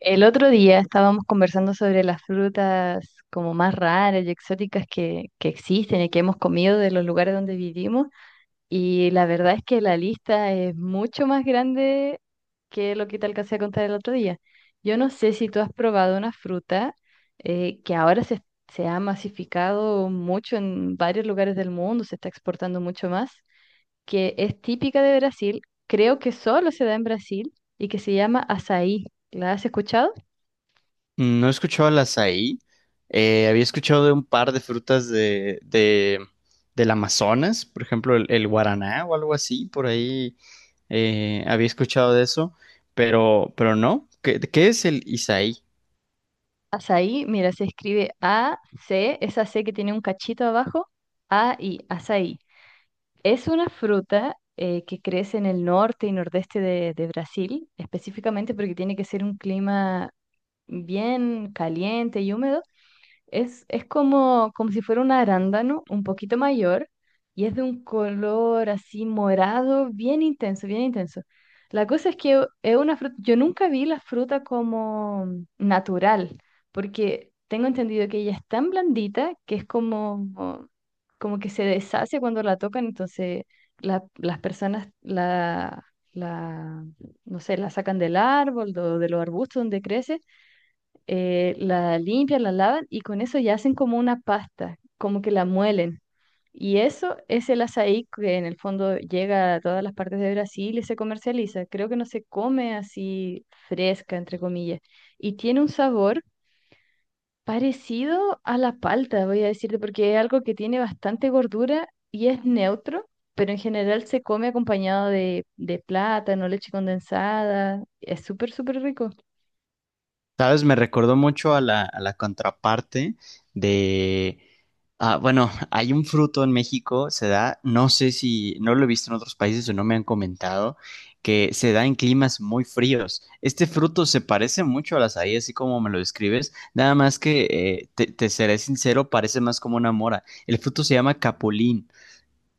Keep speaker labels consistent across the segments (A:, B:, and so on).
A: El otro día estábamos conversando sobre las frutas como más raras y exóticas que existen y que hemos comido de los lugares donde vivimos y la verdad es que la lista es mucho más grande que lo que te alcancé a contar el otro día. Yo no sé si tú has probado una fruta que ahora se ha masificado mucho en varios lugares del mundo, se está exportando mucho más, que es típica de Brasil, creo que solo se da en Brasil y que se llama açaí. ¿La has escuchado?
B: Mm. No he escuchado al açaí. Había escuchado de un par de frutas del Amazonas, por ejemplo, el guaraná o algo así, por ahí. Había escuchado de eso, pero no. ¿Qué es el isaí?
A: Azaí, mira, se escribe A-C, esa C que tiene un cachito abajo, A-I, azaí. Es una fruta que crece en el norte y nordeste de Brasil, específicamente porque tiene que ser un clima bien caliente y húmedo es como si fuera un arándano un poquito mayor y es de un color así morado, bien intenso, bien intenso. La cosa es que es una fruta, yo nunca vi la fruta como natural, porque tengo entendido que ella es tan blandita que es como que se deshace cuando la tocan, entonces las personas la, no sé, la sacan del árbol, de los arbustos donde crece la limpian, la lavan y con eso ya hacen como una pasta, como que la muelen. Y eso es el açaí que en el fondo llega a todas las partes de Brasil y se comercializa. Creo que no se come así fresca, entre comillas. Y tiene un sabor parecido a la palta, voy a decirte, porque es algo que tiene bastante gordura y es neutro, pero en general se come acompañado de plátano, leche condensada. Es súper, súper rico.
B: Sabes, me recordó mucho a la contraparte. De, ah, bueno, hay un fruto en México, se da, no sé si, no lo he visto en otros países o no me han comentado, que se da en climas muy fríos. Este fruto se parece mucho a la azaí, así como me lo describes, nada más que, te seré sincero, parece más como una mora. El fruto se llama capulín,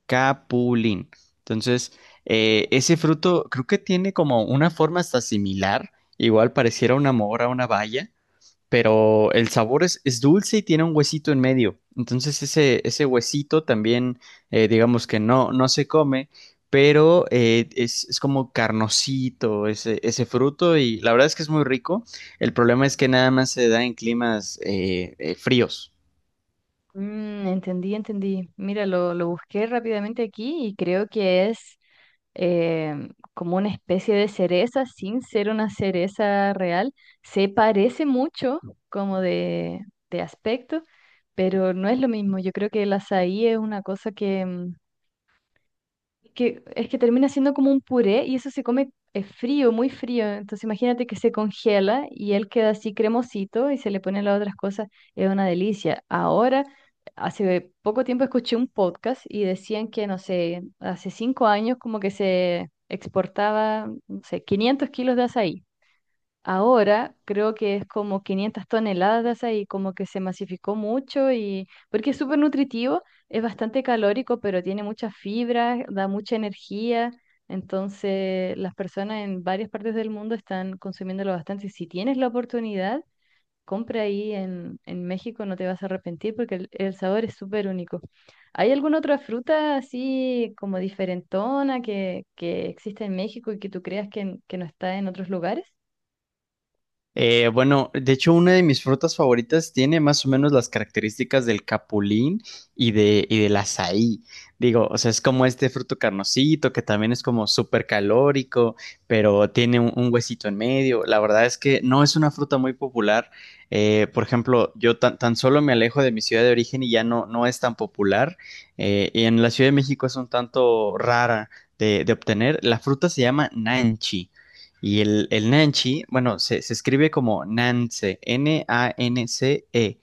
B: capulín. Entonces, ese fruto creo que tiene como una forma hasta similar, igual pareciera una mora, una baya, pero el sabor es dulce y tiene un huesito en medio. Entonces ese huesito también, digamos que no, no se come, pero es como carnosito ese fruto, y la verdad es que es muy rico. El problema es que nada más se da en climas fríos.
A: Mm, entendí, entendí. Mira, lo busqué rápidamente aquí y creo que es em, como una especie de cereza sin ser una cereza real. Se parece mucho como de aspecto, pero no es lo mismo. Yo creo que el azaí es una cosa que, es que termina siendo como un puré y eso se come frío, muy frío. Entonces imagínate que se congela y él queda así cremosito y se le ponen las otras cosas. Es una delicia. Ahora, hace poco tiempo escuché un podcast y decían que, no sé, hace 5 años como que se exportaba, no sé, 500 kilos de azaí. Ahora creo que es como 500 toneladas ahí, como que se masificó mucho y porque es súper nutritivo, es bastante calórico, pero tiene mucha fibra, da mucha energía. Entonces, las personas en varias partes del mundo están consumiéndolo bastante. Si tienes la oportunidad, compra ahí en, México, no te vas a arrepentir porque el sabor es súper único. ¿Hay alguna otra fruta así como diferentona que existe en México y que tú creas que no está en otros lugares?
B: Bueno, de hecho, una de mis frutas favoritas tiene más o menos las características del capulín y del azaí. Digo, o sea, es como este fruto carnosito que también es como súper calórico, pero tiene un huesito en medio. La verdad es que no es una fruta muy popular. Por ejemplo, yo tan solo me alejo de mi ciudad de origen y ya no es tan popular. Y en la Ciudad de México es un tanto rara de obtener. La fruta se llama nanchi. Y el nanchi, bueno, se escribe como Nance, Nance,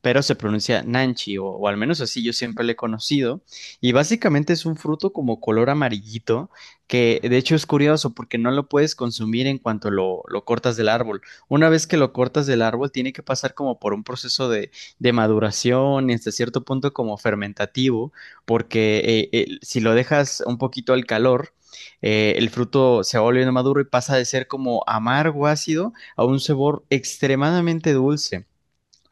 B: pero se pronuncia nanchi, o al menos así yo siempre le he conocido. Y básicamente es un fruto como color amarillito, que de hecho es curioso porque no lo puedes consumir en cuanto lo cortas del árbol. Una vez que lo cortas del árbol, tiene que pasar como por un proceso de maduración y hasta cierto punto como fermentativo, porque si lo dejas un poquito al calor, el fruto se va volviendo maduro y pasa de ser como amargo ácido a un sabor extremadamente dulce.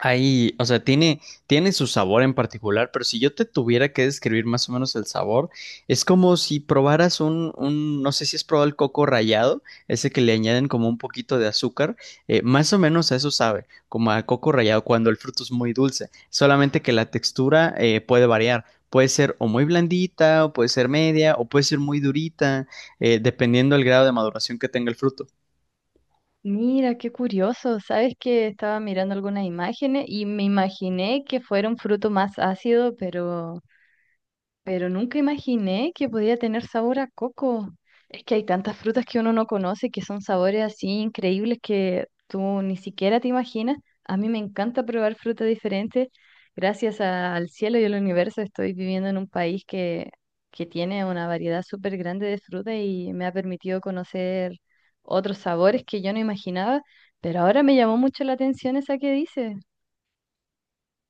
B: Ahí, o sea, tiene su sabor en particular, pero si yo te tuviera que describir más o menos el sabor, es como si probaras no sé si has probado el coco rallado, ese que le añaden como un poquito de azúcar, más o menos a eso sabe, como a coco rallado cuando el fruto es muy dulce, solamente que la textura puede variar, puede ser o muy blandita, o puede ser media, o puede ser muy durita, dependiendo del grado de maduración que tenga el fruto.
A: Mira, qué curioso. Sabes que estaba mirando algunas imágenes y me imaginé que fuera un fruto más ácido, pero nunca imaginé que podía tener sabor a coco. Es que hay tantas frutas que uno no conoce que son sabores así increíbles que tú ni siquiera te imaginas. A mí me encanta probar frutas diferentes. Gracias al cielo y al universo estoy viviendo en un país que tiene una variedad súper grande de frutas y me ha permitido conocer otros sabores que yo no imaginaba. Pero ahora me llamó mucho la atención esa que dices.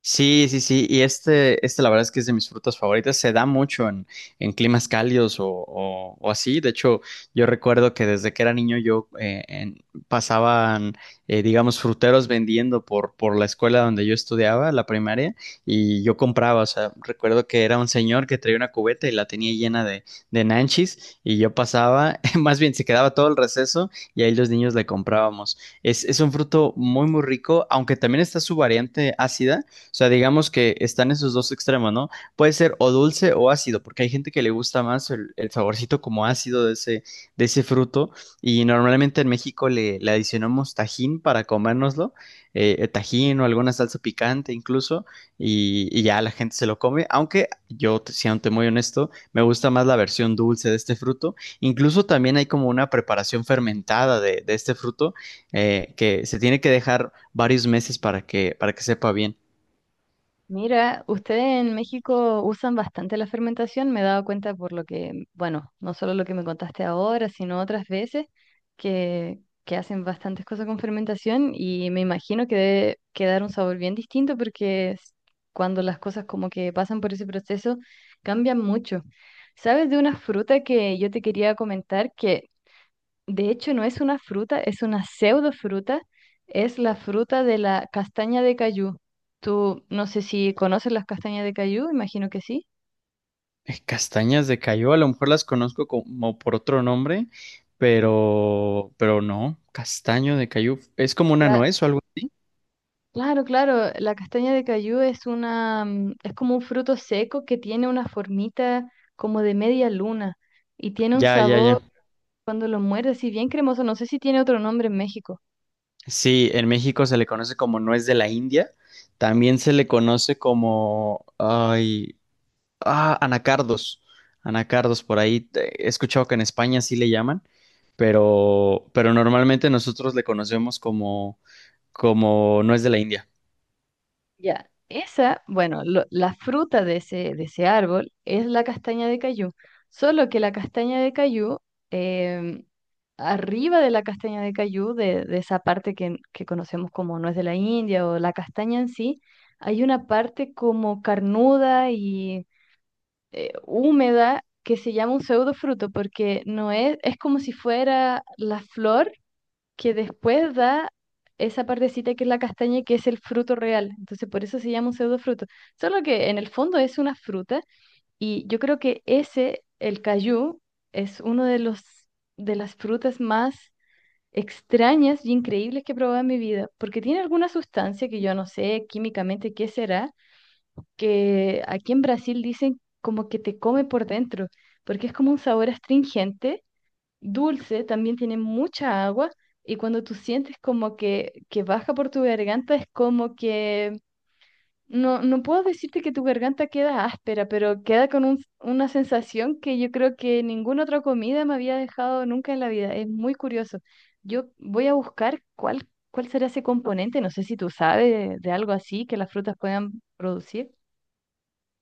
B: Sí, sí, sí, y la verdad es que es de mis frutas favoritas. Se da mucho en climas cálidos o así. De hecho, yo recuerdo que desde que era niño yo pasaban, digamos, fruteros vendiendo por la escuela donde yo estudiaba, la primaria, y yo compraba. O sea, recuerdo que era un señor que traía una cubeta y la tenía llena de nanchis, y yo pasaba, más bien se quedaba todo el receso, y ahí los niños le comprábamos. Es un fruto muy, muy rico, aunque también está su variante ácida, sea, digamos que están esos dos extremos, ¿no? Puede ser o dulce o ácido, porque hay gente que le gusta más el saborcito como ácido de ese fruto. Y normalmente en México le adicionamos tajín para comérnoslo, tajín o alguna salsa picante incluso, y ya la gente se lo come. Aunque yo, siendo muy honesto, me gusta más la versión dulce de este fruto. Incluso también hay como una preparación fermentada de este fruto, que se tiene que dejar varios meses para que sepa bien.
A: Mira, ustedes en México usan bastante la fermentación, me he dado cuenta por lo que, bueno, no solo lo que me contaste ahora, sino otras veces que hacen bastantes cosas con fermentación y me imagino que debe quedar un sabor bien distinto porque es cuando las cosas como que pasan por ese proceso cambian mucho. ¿Sabes de una fruta que yo te quería comentar que de hecho, no es una fruta, es una pseudofruta, es la fruta de la castaña de cayú? Tú no sé si conoces las castañas de cayú, imagino que sí.
B: Castañas de Cayó, a lo mejor las conozco como por otro nombre, pero no, castaño de Cayú, es como una
A: La-
B: nuez o algo.
A: claro, claro, la castaña de cayú es una, es como un fruto seco que tiene una formita como de media luna y tiene un
B: Ya, ya, ya.
A: sabor cuando lo muerdes, y bien cremoso. No sé si tiene otro nombre en México.
B: Sí, en México se le conoce como nuez de la India, también se le conoce como, anacardos, anacardos por ahí, he escuchado que en España sí le llaman, pero normalmente nosotros le conocemos como nuez de la India.
A: Ya, esa, bueno, la fruta de ese árbol es la castaña de cayú, solo que la castaña de cayú, em, arriba de la castaña de cayú, de esa parte que conocemos como nuez de la India o la castaña en sí, hay una parte como carnuda y húmeda que se llama un pseudofruto porque no es, es como si fuera la flor que después da esa partecita que es la castaña, que es el fruto real. Entonces, por eso se llama un pseudofruto. Solo que en el fondo es una fruta y yo creo que ese, el cayú, es uno de los de las frutas más extrañas y increíbles que he probado en mi vida, porque tiene alguna sustancia que yo no sé químicamente qué será, que aquí en Brasil dicen como que te come por dentro, porque es como un sabor astringente dulce, también tiene mucha agua y cuando tú sientes como que baja por tu garganta es como que, no, no puedo decirte que tu garganta queda áspera, pero queda con una sensación que yo creo que ninguna otra comida me había dejado nunca en la vida. Es muy curioso. Yo voy a buscar cuál será ese componente, no sé si tú sabes de algo así que las frutas puedan producir.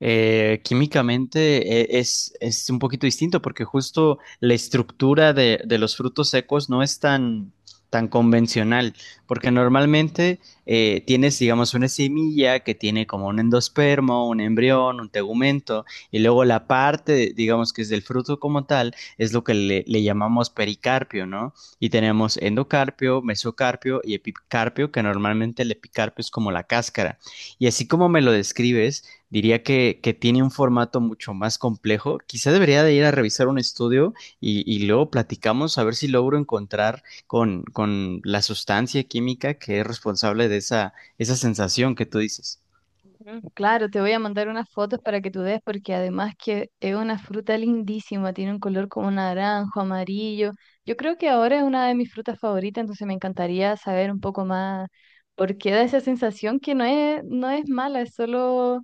B: Químicamente, es un poquito distinto, porque justo la estructura de los frutos secos no es tan convencional, porque normalmente tienes, digamos, una semilla que tiene como un endospermo, un embrión, un tegumento, y luego la parte, digamos, que es del fruto como tal, es lo que le llamamos pericarpio, ¿no? Y tenemos endocarpio, mesocarpio y epicarpio, que normalmente el epicarpio es como la cáscara. Y así como me lo describes, diría que tiene un formato mucho más complejo. Quizá debería de ir a revisar un estudio y luego platicamos, a ver si logro encontrar con la sustancia química que es responsable de esa sensación que tú dices.
A: Mm, claro, te voy a mandar unas fotos para que tú des, porque además que es una fruta lindísima, tiene un color como naranjo, amarillo. Yo creo que ahora es una de mis frutas favoritas, entonces me encantaría saber un poco más por qué da esa sensación que no es, no es mala, es solo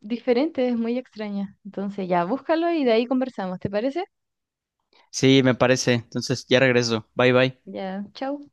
A: diferente, es muy extraña. Entonces ya, búscalo y de ahí conversamos, ¿te parece?
B: Sí, me parece. Entonces ya regreso. Bye bye.
A: Ya, chau.